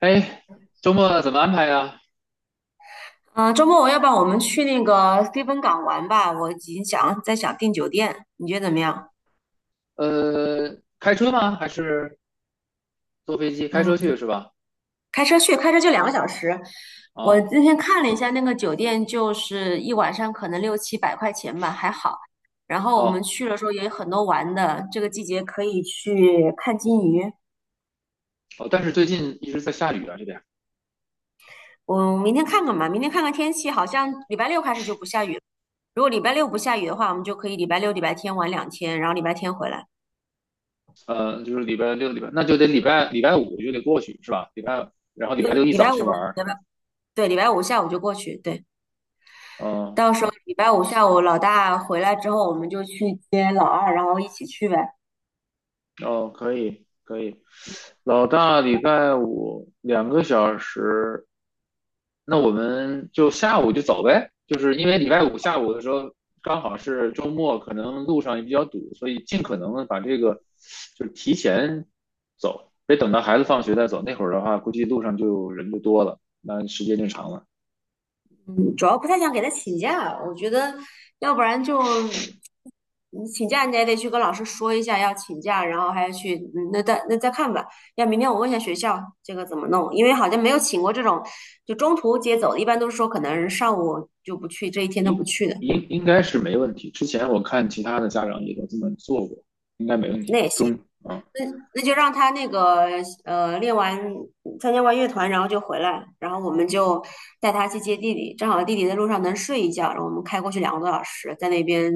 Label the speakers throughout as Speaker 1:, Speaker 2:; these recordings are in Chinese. Speaker 1: 哎，周末怎么安排呀？
Speaker 2: 嗯，周末我要不然我们去那个飞芬港玩吧？我已经想在想订酒店，你觉得怎么样？
Speaker 1: 开车吗？还是坐飞机？开车
Speaker 2: 嗯，
Speaker 1: 去是吧？
Speaker 2: 开车去，开车就2个小时。我
Speaker 1: 哦。
Speaker 2: 今天看了一下那个酒店，就是一晚上可能六七百块钱吧，还好。然后我们
Speaker 1: 哦。
Speaker 2: 去的时候也有很多玩的，这个季节可以去看金鱼。
Speaker 1: 哦，但是最近一直在下雨啊，这边。
Speaker 2: 我明天看看吧，明天看看天气，好像礼拜六开始就不下雨了。如果礼拜六不下雨的话，我们就可以礼拜六、礼拜天玩两天，然后礼拜天回来。
Speaker 1: 就是礼拜六，那就得礼拜五就得过去是吧？然后礼
Speaker 2: 对，
Speaker 1: 拜六一
Speaker 2: 礼
Speaker 1: 早
Speaker 2: 拜五，
Speaker 1: 去玩儿是吧？
Speaker 2: 对，礼拜五下午就过去。对。
Speaker 1: 哦，
Speaker 2: 到时候礼拜五下午老大回来之后，我们就去接老二，然后一起去呗。嗯
Speaker 1: 哦，可以可以。老大礼拜五2个小时，那我们就下午就走呗，就是因为礼拜五下午的时候刚好是周末，可能路上也比较堵，所以尽可能的把这个就是提前走，别等到孩子放学再走。那会儿的话，估计路上就人就多了，那时间就长了。
Speaker 2: 主要不太想给他请假，我觉得要不然就你请假，你也得去跟老师说一下要请假，然后还要去，嗯那再看吧。要明天我问一下学校这个怎么弄，因为好像没有请过这种就中途接走的，一般都是说可能上午就不去，这一天都不
Speaker 1: 应
Speaker 2: 去的，
Speaker 1: 应该是没问题。之前我看其他的家长也都这么做过，应该没问
Speaker 2: 那
Speaker 1: 题。
Speaker 2: 也行。
Speaker 1: 中啊，
Speaker 2: 那那就让他那个练完参加完乐团，然后就回来，然后我们就带他去接弟弟，正好弟弟在路上能睡一觉，然后我们开过去两个多小时，在那边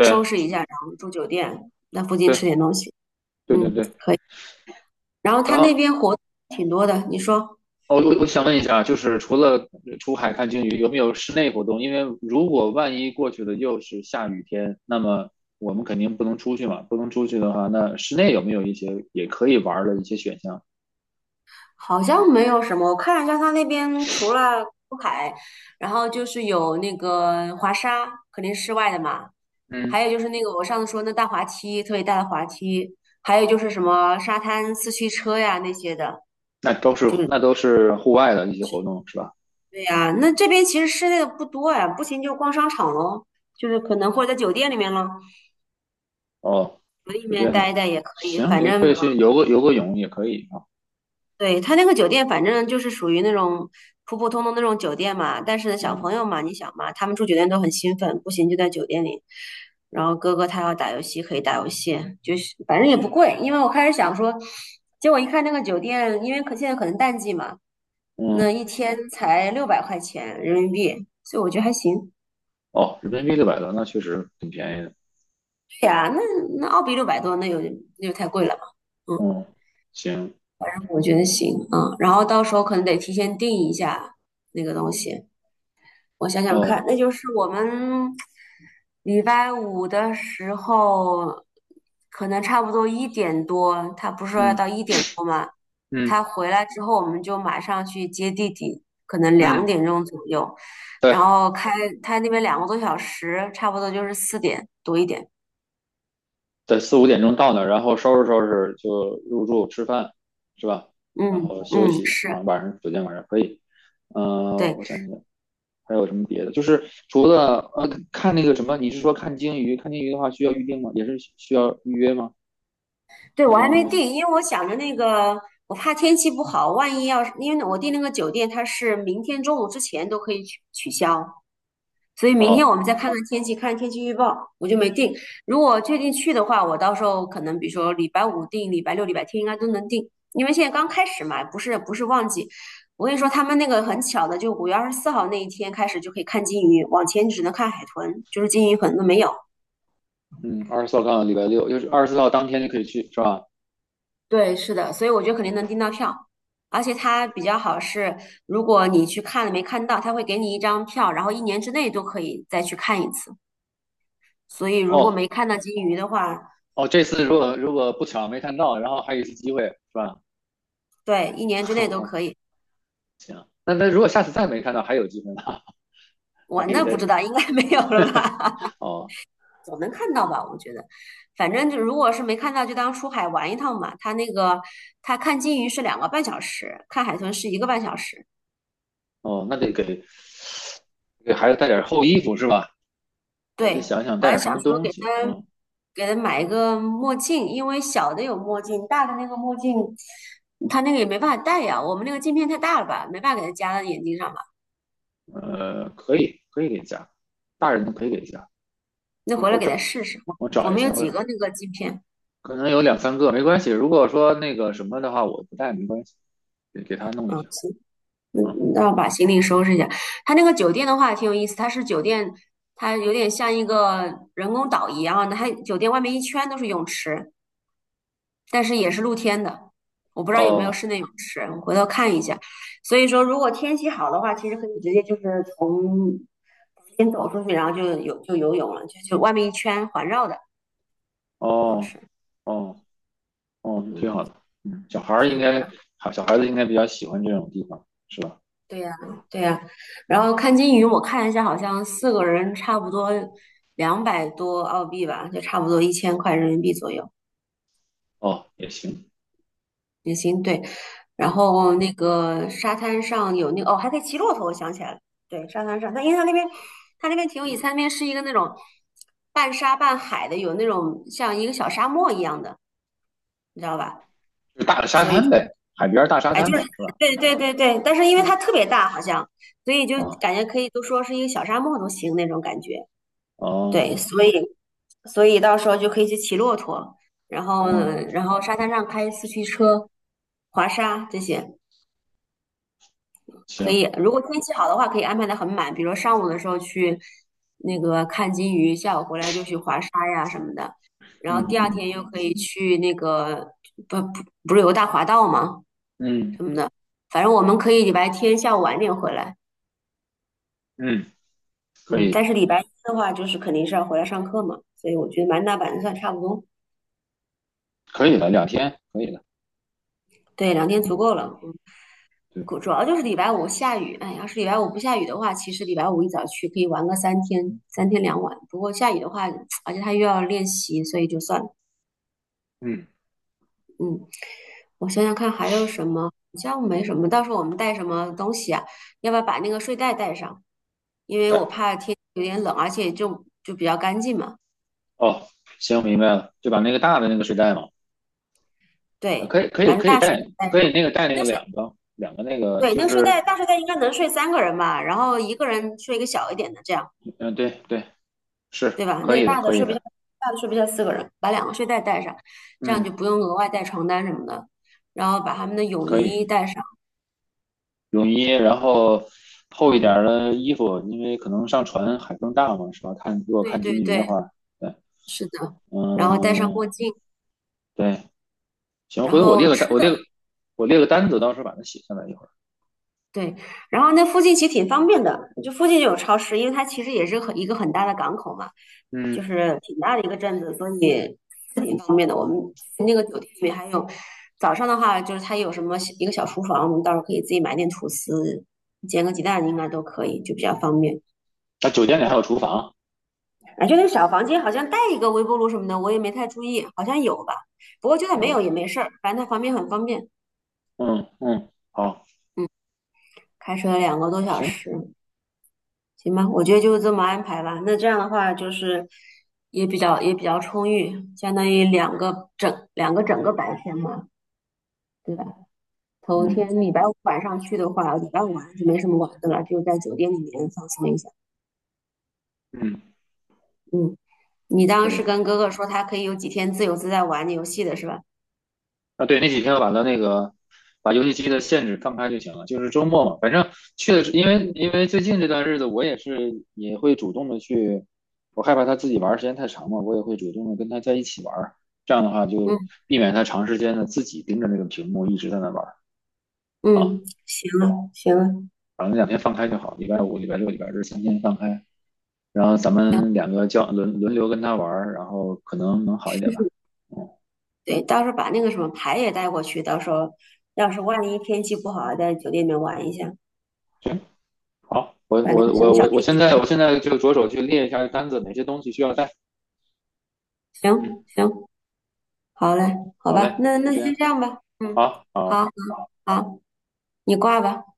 Speaker 2: 收拾一下，然后住酒店，那附近吃
Speaker 1: 对，
Speaker 2: 点东西，
Speaker 1: 对，对，
Speaker 2: 嗯，
Speaker 1: 对。
Speaker 2: 可以。然后他
Speaker 1: 然
Speaker 2: 那
Speaker 1: 后。
Speaker 2: 边活动挺多的，你说。
Speaker 1: 哦，我想问一下，就是除了出海看鲸鱼，有没有室内活动？因为如果万一过去的又是下雨天，那么我们肯定不能出去嘛。不能出去的话，那室内有没有一些也可以玩儿的一些选项？
Speaker 2: 好像没有什么，我看了一下，它那边除了出海，然后就是有那个滑沙，肯定是室外的嘛，
Speaker 1: 嗯，
Speaker 2: 还有就是那个我上次说那大滑梯，特别大的滑梯，还有就是什么沙滩四驱车呀那些的，
Speaker 1: 那都是
Speaker 2: 就是
Speaker 1: 那都是户外的一些活动是吧？
Speaker 2: 对呀，那这边其实室内的不多呀，不行就逛商场喽，就是可能或者在酒店里面咯，
Speaker 1: 哦，
Speaker 2: 酒店里
Speaker 1: 我这
Speaker 2: 面
Speaker 1: 样
Speaker 2: 待
Speaker 1: 的，
Speaker 2: 一待也可以，
Speaker 1: 行，
Speaker 2: 反
Speaker 1: 也可
Speaker 2: 正
Speaker 1: 以去游个泳也可以啊。
Speaker 2: 对，他那个酒店，反正就是属于那种普普通通那种酒店嘛。但是呢，小
Speaker 1: 嗯，
Speaker 2: 朋友嘛，你想嘛，他们住酒店都很兴奋，不行就在酒店里。然后哥哥他要打游戏，可以打游戏，就是反正也不贵。因为我开始想说，结果一看那个酒店，因为可现在可能淡季嘛，那一
Speaker 1: 嗯，
Speaker 2: 天才600块钱人民币，所以我觉得还行。
Speaker 1: 哦，人民币600多，那确实挺便宜的。
Speaker 2: 对呀，那那澳币600多，那有那就太贵了嘛。嗯，
Speaker 1: 嗯，行，
Speaker 2: 我觉得行，嗯，然后到时候可能得提前订一下那个东西。我想想看，
Speaker 1: 哦，
Speaker 2: 那就是我们礼拜五的时候，可能差不多一点多，他不是说要到
Speaker 1: 嗯，
Speaker 2: 一点多吗？
Speaker 1: 嗯，
Speaker 2: 他回来之后，我们就马上去接弟弟，可能两
Speaker 1: 嗯，
Speaker 2: 点钟左右，
Speaker 1: 对。
Speaker 2: 然后他那边两个多小时，差不多就是4点多一点。
Speaker 1: 在四五点钟到那儿，然后收拾收拾就入住吃饭，是吧？然
Speaker 2: 嗯
Speaker 1: 后休
Speaker 2: 嗯，
Speaker 1: 息，
Speaker 2: 是
Speaker 1: 嗯，晚上酒店晚上可以。嗯。
Speaker 2: 对
Speaker 1: 我想想还有什么别的？就是除了看那个什么，你是说看鲸鱼？看鲸鱼的话需要预定吗？也是需要预约吗？
Speaker 2: 对，
Speaker 1: 提
Speaker 2: 我
Speaker 1: 前
Speaker 2: 还
Speaker 1: 预
Speaker 2: 没
Speaker 1: 约。
Speaker 2: 定，因为我想着那个，我怕天气不好，万一要是因为我订那个酒店，它是明天中午之前都可以取消。所以明天
Speaker 1: 哦，
Speaker 2: 我们再看看天气，看天气预报，我就没定。如果确定去的话，我到时候可能比如说礼拜五定，礼拜六、礼拜天应该都能定，因为现在刚开始嘛，不是旺季。我跟你说，他们那个很巧的，就5月24号那一天开始就可以看金鱼，往前只能看海豚，就是金鱼可能都没有。
Speaker 1: 嗯，二十四号刚好礼拜六，就是二十四号当天就可以去，是吧？
Speaker 2: 对，是的，所以我觉得肯定能订到票，而且它比较好是，如果你去看了没看到，它会给你一张票，然后一年之内都可以再去看一次。所以如果
Speaker 1: 哦。
Speaker 2: 没看到金鱼的话，
Speaker 1: 哦，这次如果不巧没看到，然后还有一次机会，是吧？
Speaker 2: 对，一年之 内都可以。
Speaker 1: 行，那如果下次再没看到，还有机会呢。还
Speaker 2: 我
Speaker 1: 可以
Speaker 2: 那不
Speaker 1: 再。
Speaker 2: 知道，应该没有了吧？
Speaker 1: 哦。
Speaker 2: 觉得反正就如果是没看到，就当出海玩一趟嘛。他那个他看金鱼是2个半小时，看海豚是1个半小时。
Speaker 1: 哦，那得给孩子带点厚衣服是吧？我得
Speaker 2: 对，
Speaker 1: 想想
Speaker 2: 我
Speaker 1: 带
Speaker 2: 还
Speaker 1: 点什
Speaker 2: 想
Speaker 1: 么
Speaker 2: 说
Speaker 1: 东
Speaker 2: 给
Speaker 1: 西。
Speaker 2: 他
Speaker 1: 嗯，
Speaker 2: 给他买一个墨镜，因为小的有墨镜，大的那个墨镜他那个也没办法戴呀。我们那个镜片太大了吧，没办法给他夹到眼睛上吧。
Speaker 1: 可以，可以给加，大人的可以给加。
Speaker 2: 那回来
Speaker 1: 我
Speaker 2: 给
Speaker 1: 找
Speaker 2: 他试试，我
Speaker 1: 我
Speaker 2: 我
Speaker 1: 找一
Speaker 2: 们有
Speaker 1: 下，我
Speaker 2: 几个那个镜片。
Speaker 1: 可能有两三个，没关系。如果说那个什么的话，我不带没关系，给他弄一下。
Speaker 2: 嗯
Speaker 1: 嗯。
Speaker 2: 那我把行李收拾一下。它那个酒店的话挺有意思，它是酒店，它有点像一个人工岛一样的，它酒店外面一圈都是泳池，但是也是露天的。我不知道有没有
Speaker 1: 哦。
Speaker 2: 室内泳池，我回头看一下。所以说，如果天气好的话，其实可以直接就是从房间走出去，然后就有就游泳了，就外面一圈环绕的泳
Speaker 1: 哦。
Speaker 2: 池。
Speaker 1: 哦。哦，挺
Speaker 2: 嗯，
Speaker 1: 好的。嗯，小孩儿应
Speaker 2: 行。然
Speaker 1: 该。
Speaker 2: 后。
Speaker 1: 好，小孩子应该比较喜欢这种地方，是吧？
Speaker 2: 对呀，对呀，然后看金鱼，我看一下，好像四个人差不多200多澳币吧，就差不多1000块人民币左右
Speaker 1: 哦，也行。
Speaker 2: 也行。对，然
Speaker 1: 嗯，
Speaker 2: 后那个沙滩上有那个哦，还可以骑骆驼，我想起来了，对，沙滩上，但因为它那边它那边挺有意思，它那边是一个那种半沙半海的，有那种像一个小沙漠一样的，你知道吧？
Speaker 1: 就是大的沙
Speaker 2: 所以
Speaker 1: 滩呗，海边儿大沙
Speaker 2: 哎，
Speaker 1: 滩
Speaker 2: 就是
Speaker 1: 吧，是吧？
Speaker 2: 对对对对，但是因为它特
Speaker 1: 啊。
Speaker 2: 别大，好像所以就感
Speaker 1: 啊。
Speaker 2: 觉可以都说是一个小沙漠都行那种感觉。
Speaker 1: 哦。
Speaker 2: 对，所以到时候就可以去骑骆驼，然后
Speaker 1: 哦。
Speaker 2: 然后沙滩上开四驱车、滑沙这些可
Speaker 1: 行。
Speaker 2: 以。如果天气好的话，可以安排的很满，比如说上午的时候去那个看金鱼，下午回来就去滑沙呀什么的。然后
Speaker 1: 嗯。
Speaker 2: 第二天
Speaker 1: 嗯。
Speaker 2: 又可以去那个不不不是有个大滑道吗？
Speaker 1: 嗯，
Speaker 2: 什么的，反正我们可以礼拜天下午晚点回来，
Speaker 1: 嗯，可
Speaker 2: 嗯，但
Speaker 1: 以，
Speaker 2: 是礼拜一的话就是肯定是要回来上课嘛，所以我觉得满打满算差不多，
Speaker 1: 可以的，两天可以的。
Speaker 2: 对，两天足
Speaker 1: 嗯，
Speaker 2: 够了。嗯
Speaker 1: 对，
Speaker 2: 主要就是礼拜五下雨，哎，要是礼拜五不下雨的话，其实礼拜五一早去可以玩个三天，3天2晚。不过下雨的话，而且他又要练习，所以就算了。
Speaker 1: 嗯，
Speaker 2: 嗯，我想想看还有什么，好像没什么。到时候我们带什么东西啊？要不要把那个睡袋带上？因为
Speaker 1: 对。
Speaker 2: 我怕天气有点冷，而且就比较干净嘛。
Speaker 1: 哦，行，明白了，就把那个大的那个睡袋嘛，
Speaker 2: 对，
Speaker 1: 可以，可以
Speaker 2: 反正
Speaker 1: 可以
Speaker 2: 大睡
Speaker 1: 带。
Speaker 2: 袋带
Speaker 1: 可以
Speaker 2: 上。
Speaker 1: 那个带那个两个两个那个
Speaker 2: 对，
Speaker 1: 就
Speaker 2: 那个睡袋
Speaker 1: 是。
Speaker 2: 大睡袋应该能睡3个人吧，然后一个人睡一个小一点的这样。
Speaker 1: 嗯，对，对，是
Speaker 2: 对吧？
Speaker 1: 可
Speaker 2: 那个
Speaker 1: 以的，
Speaker 2: 大的
Speaker 1: 可以
Speaker 2: 睡不下，
Speaker 1: 的。
Speaker 2: 大的睡不下四个人，把2个睡袋带上，这样就
Speaker 1: 嗯，
Speaker 2: 不用额外带床单什么的。然后把他们的泳
Speaker 1: 可以。
Speaker 2: 衣带上，
Speaker 1: 泳衣，然后厚一点儿
Speaker 2: 嗯，
Speaker 1: 的衣服，因为可能上船海更大嘛，是吧？看如果
Speaker 2: 对
Speaker 1: 看鲸
Speaker 2: 对
Speaker 1: 鱼的
Speaker 2: 对，
Speaker 1: 话，对，
Speaker 2: 是的。然后戴上墨
Speaker 1: 嗯，
Speaker 2: 镜，
Speaker 1: 对，行，
Speaker 2: 然
Speaker 1: 回头我
Speaker 2: 后
Speaker 1: 列个单，我列个单子，到时候把它写下来一会儿。
Speaker 2: 对，然后那附近其实挺方便的，就附近就有超市，因为它其实也是很一个很大的港口嘛，就
Speaker 1: 嗯。
Speaker 2: 是挺大的一个镇子，所以是挺方便的。我们那个酒店里面还有，早上的话就是它有什么一个小厨房，我们到时候可以自己买点吐司，煎个鸡蛋应该都可以，就比较方便。
Speaker 1: 那酒店里还有厨房。
Speaker 2: 啊，就那小房间好像带一个微波炉什么的，我也没太注意，好像有吧。不过就算没
Speaker 1: 嗯，
Speaker 2: 有也没事儿，反正它旁边很方便。
Speaker 1: 嗯，嗯，好，
Speaker 2: 嗯，开车两个多小
Speaker 1: 行，
Speaker 2: 时。行吧，我觉得就这么安排吧。那这样的话，就是也比较充裕，相当于两个整个白天嘛，对吧？头
Speaker 1: 嗯，
Speaker 2: 天礼拜五晚上去的话，礼拜五晚上就没什么玩的了，就在酒店里面放松一下。
Speaker 1: 嗯，
Speaker 2: 嗯，你当
Speaker 1: 可
Speaker 2: 时
Speaker 1: 以。
Speaker 2: 跟哥哥说他可以有几天自由自在玩游戏的是吧？
Speaker 1: 啊，对，那几天我把它那个把游戏机的限制放开就行了，就是周末嘛，反正去的是，因为
Speaker 2: 嗯
Speaker 1: 因为最近这段日子我也是也会主动的去，我害怕他自己玩儿时间太长嘛，我也会主动的跟他在一起玩儿，这样的话就
Speaker 2: 嗯
Speaker 1: 避免他长时间的自己盯着那个屏幕一直在那玩儿。啊，
Speaker 2: 嗯，行了行了
Speaker 1: 反正两天放开就好，礼拜五、礼拜六、礼拜日3天放开，然后咱
Speaker 2: 行，
Speaker 1: 们两个轮流跟他玩儿然后可能能好一点吧。嗯，
Speaker 2: 对，到时候把那个什么牌也带过去，到时候要是万一天气不好，在酒店里面玩一下，
Speaker 1: 行，好，我
Speaker 2: 把那
Speaker 1: 我
Speaker 2: 个什
Speaker 1: 我
Speaker 2: 么小
Speaker 1: 我我
Speaker 2: 地
Speaker 1: 现在
Speaker 2: 图，
Speaker 1: 我现在就着手去列一下单子，哪些东西需要带。
Speaker 2: 行
Speaker 1: 嗯，
Speaker 2: 行。好嘞，好
Speaker 1: 好
Speaker 2: 吧，
Speaker 1: 嘞，
Speaker 2: 那
Speaker 1: 就
Speaker 2: 那
Speaker 1: 这
Speaker 2: 先
Speaker 1: 样。
Speaker 2: 这样吧，嗯，
Speaker 1: 好，
Speaker 2: 好，
Speaker 1: 好。
Speaker 2: 好，你挂吧。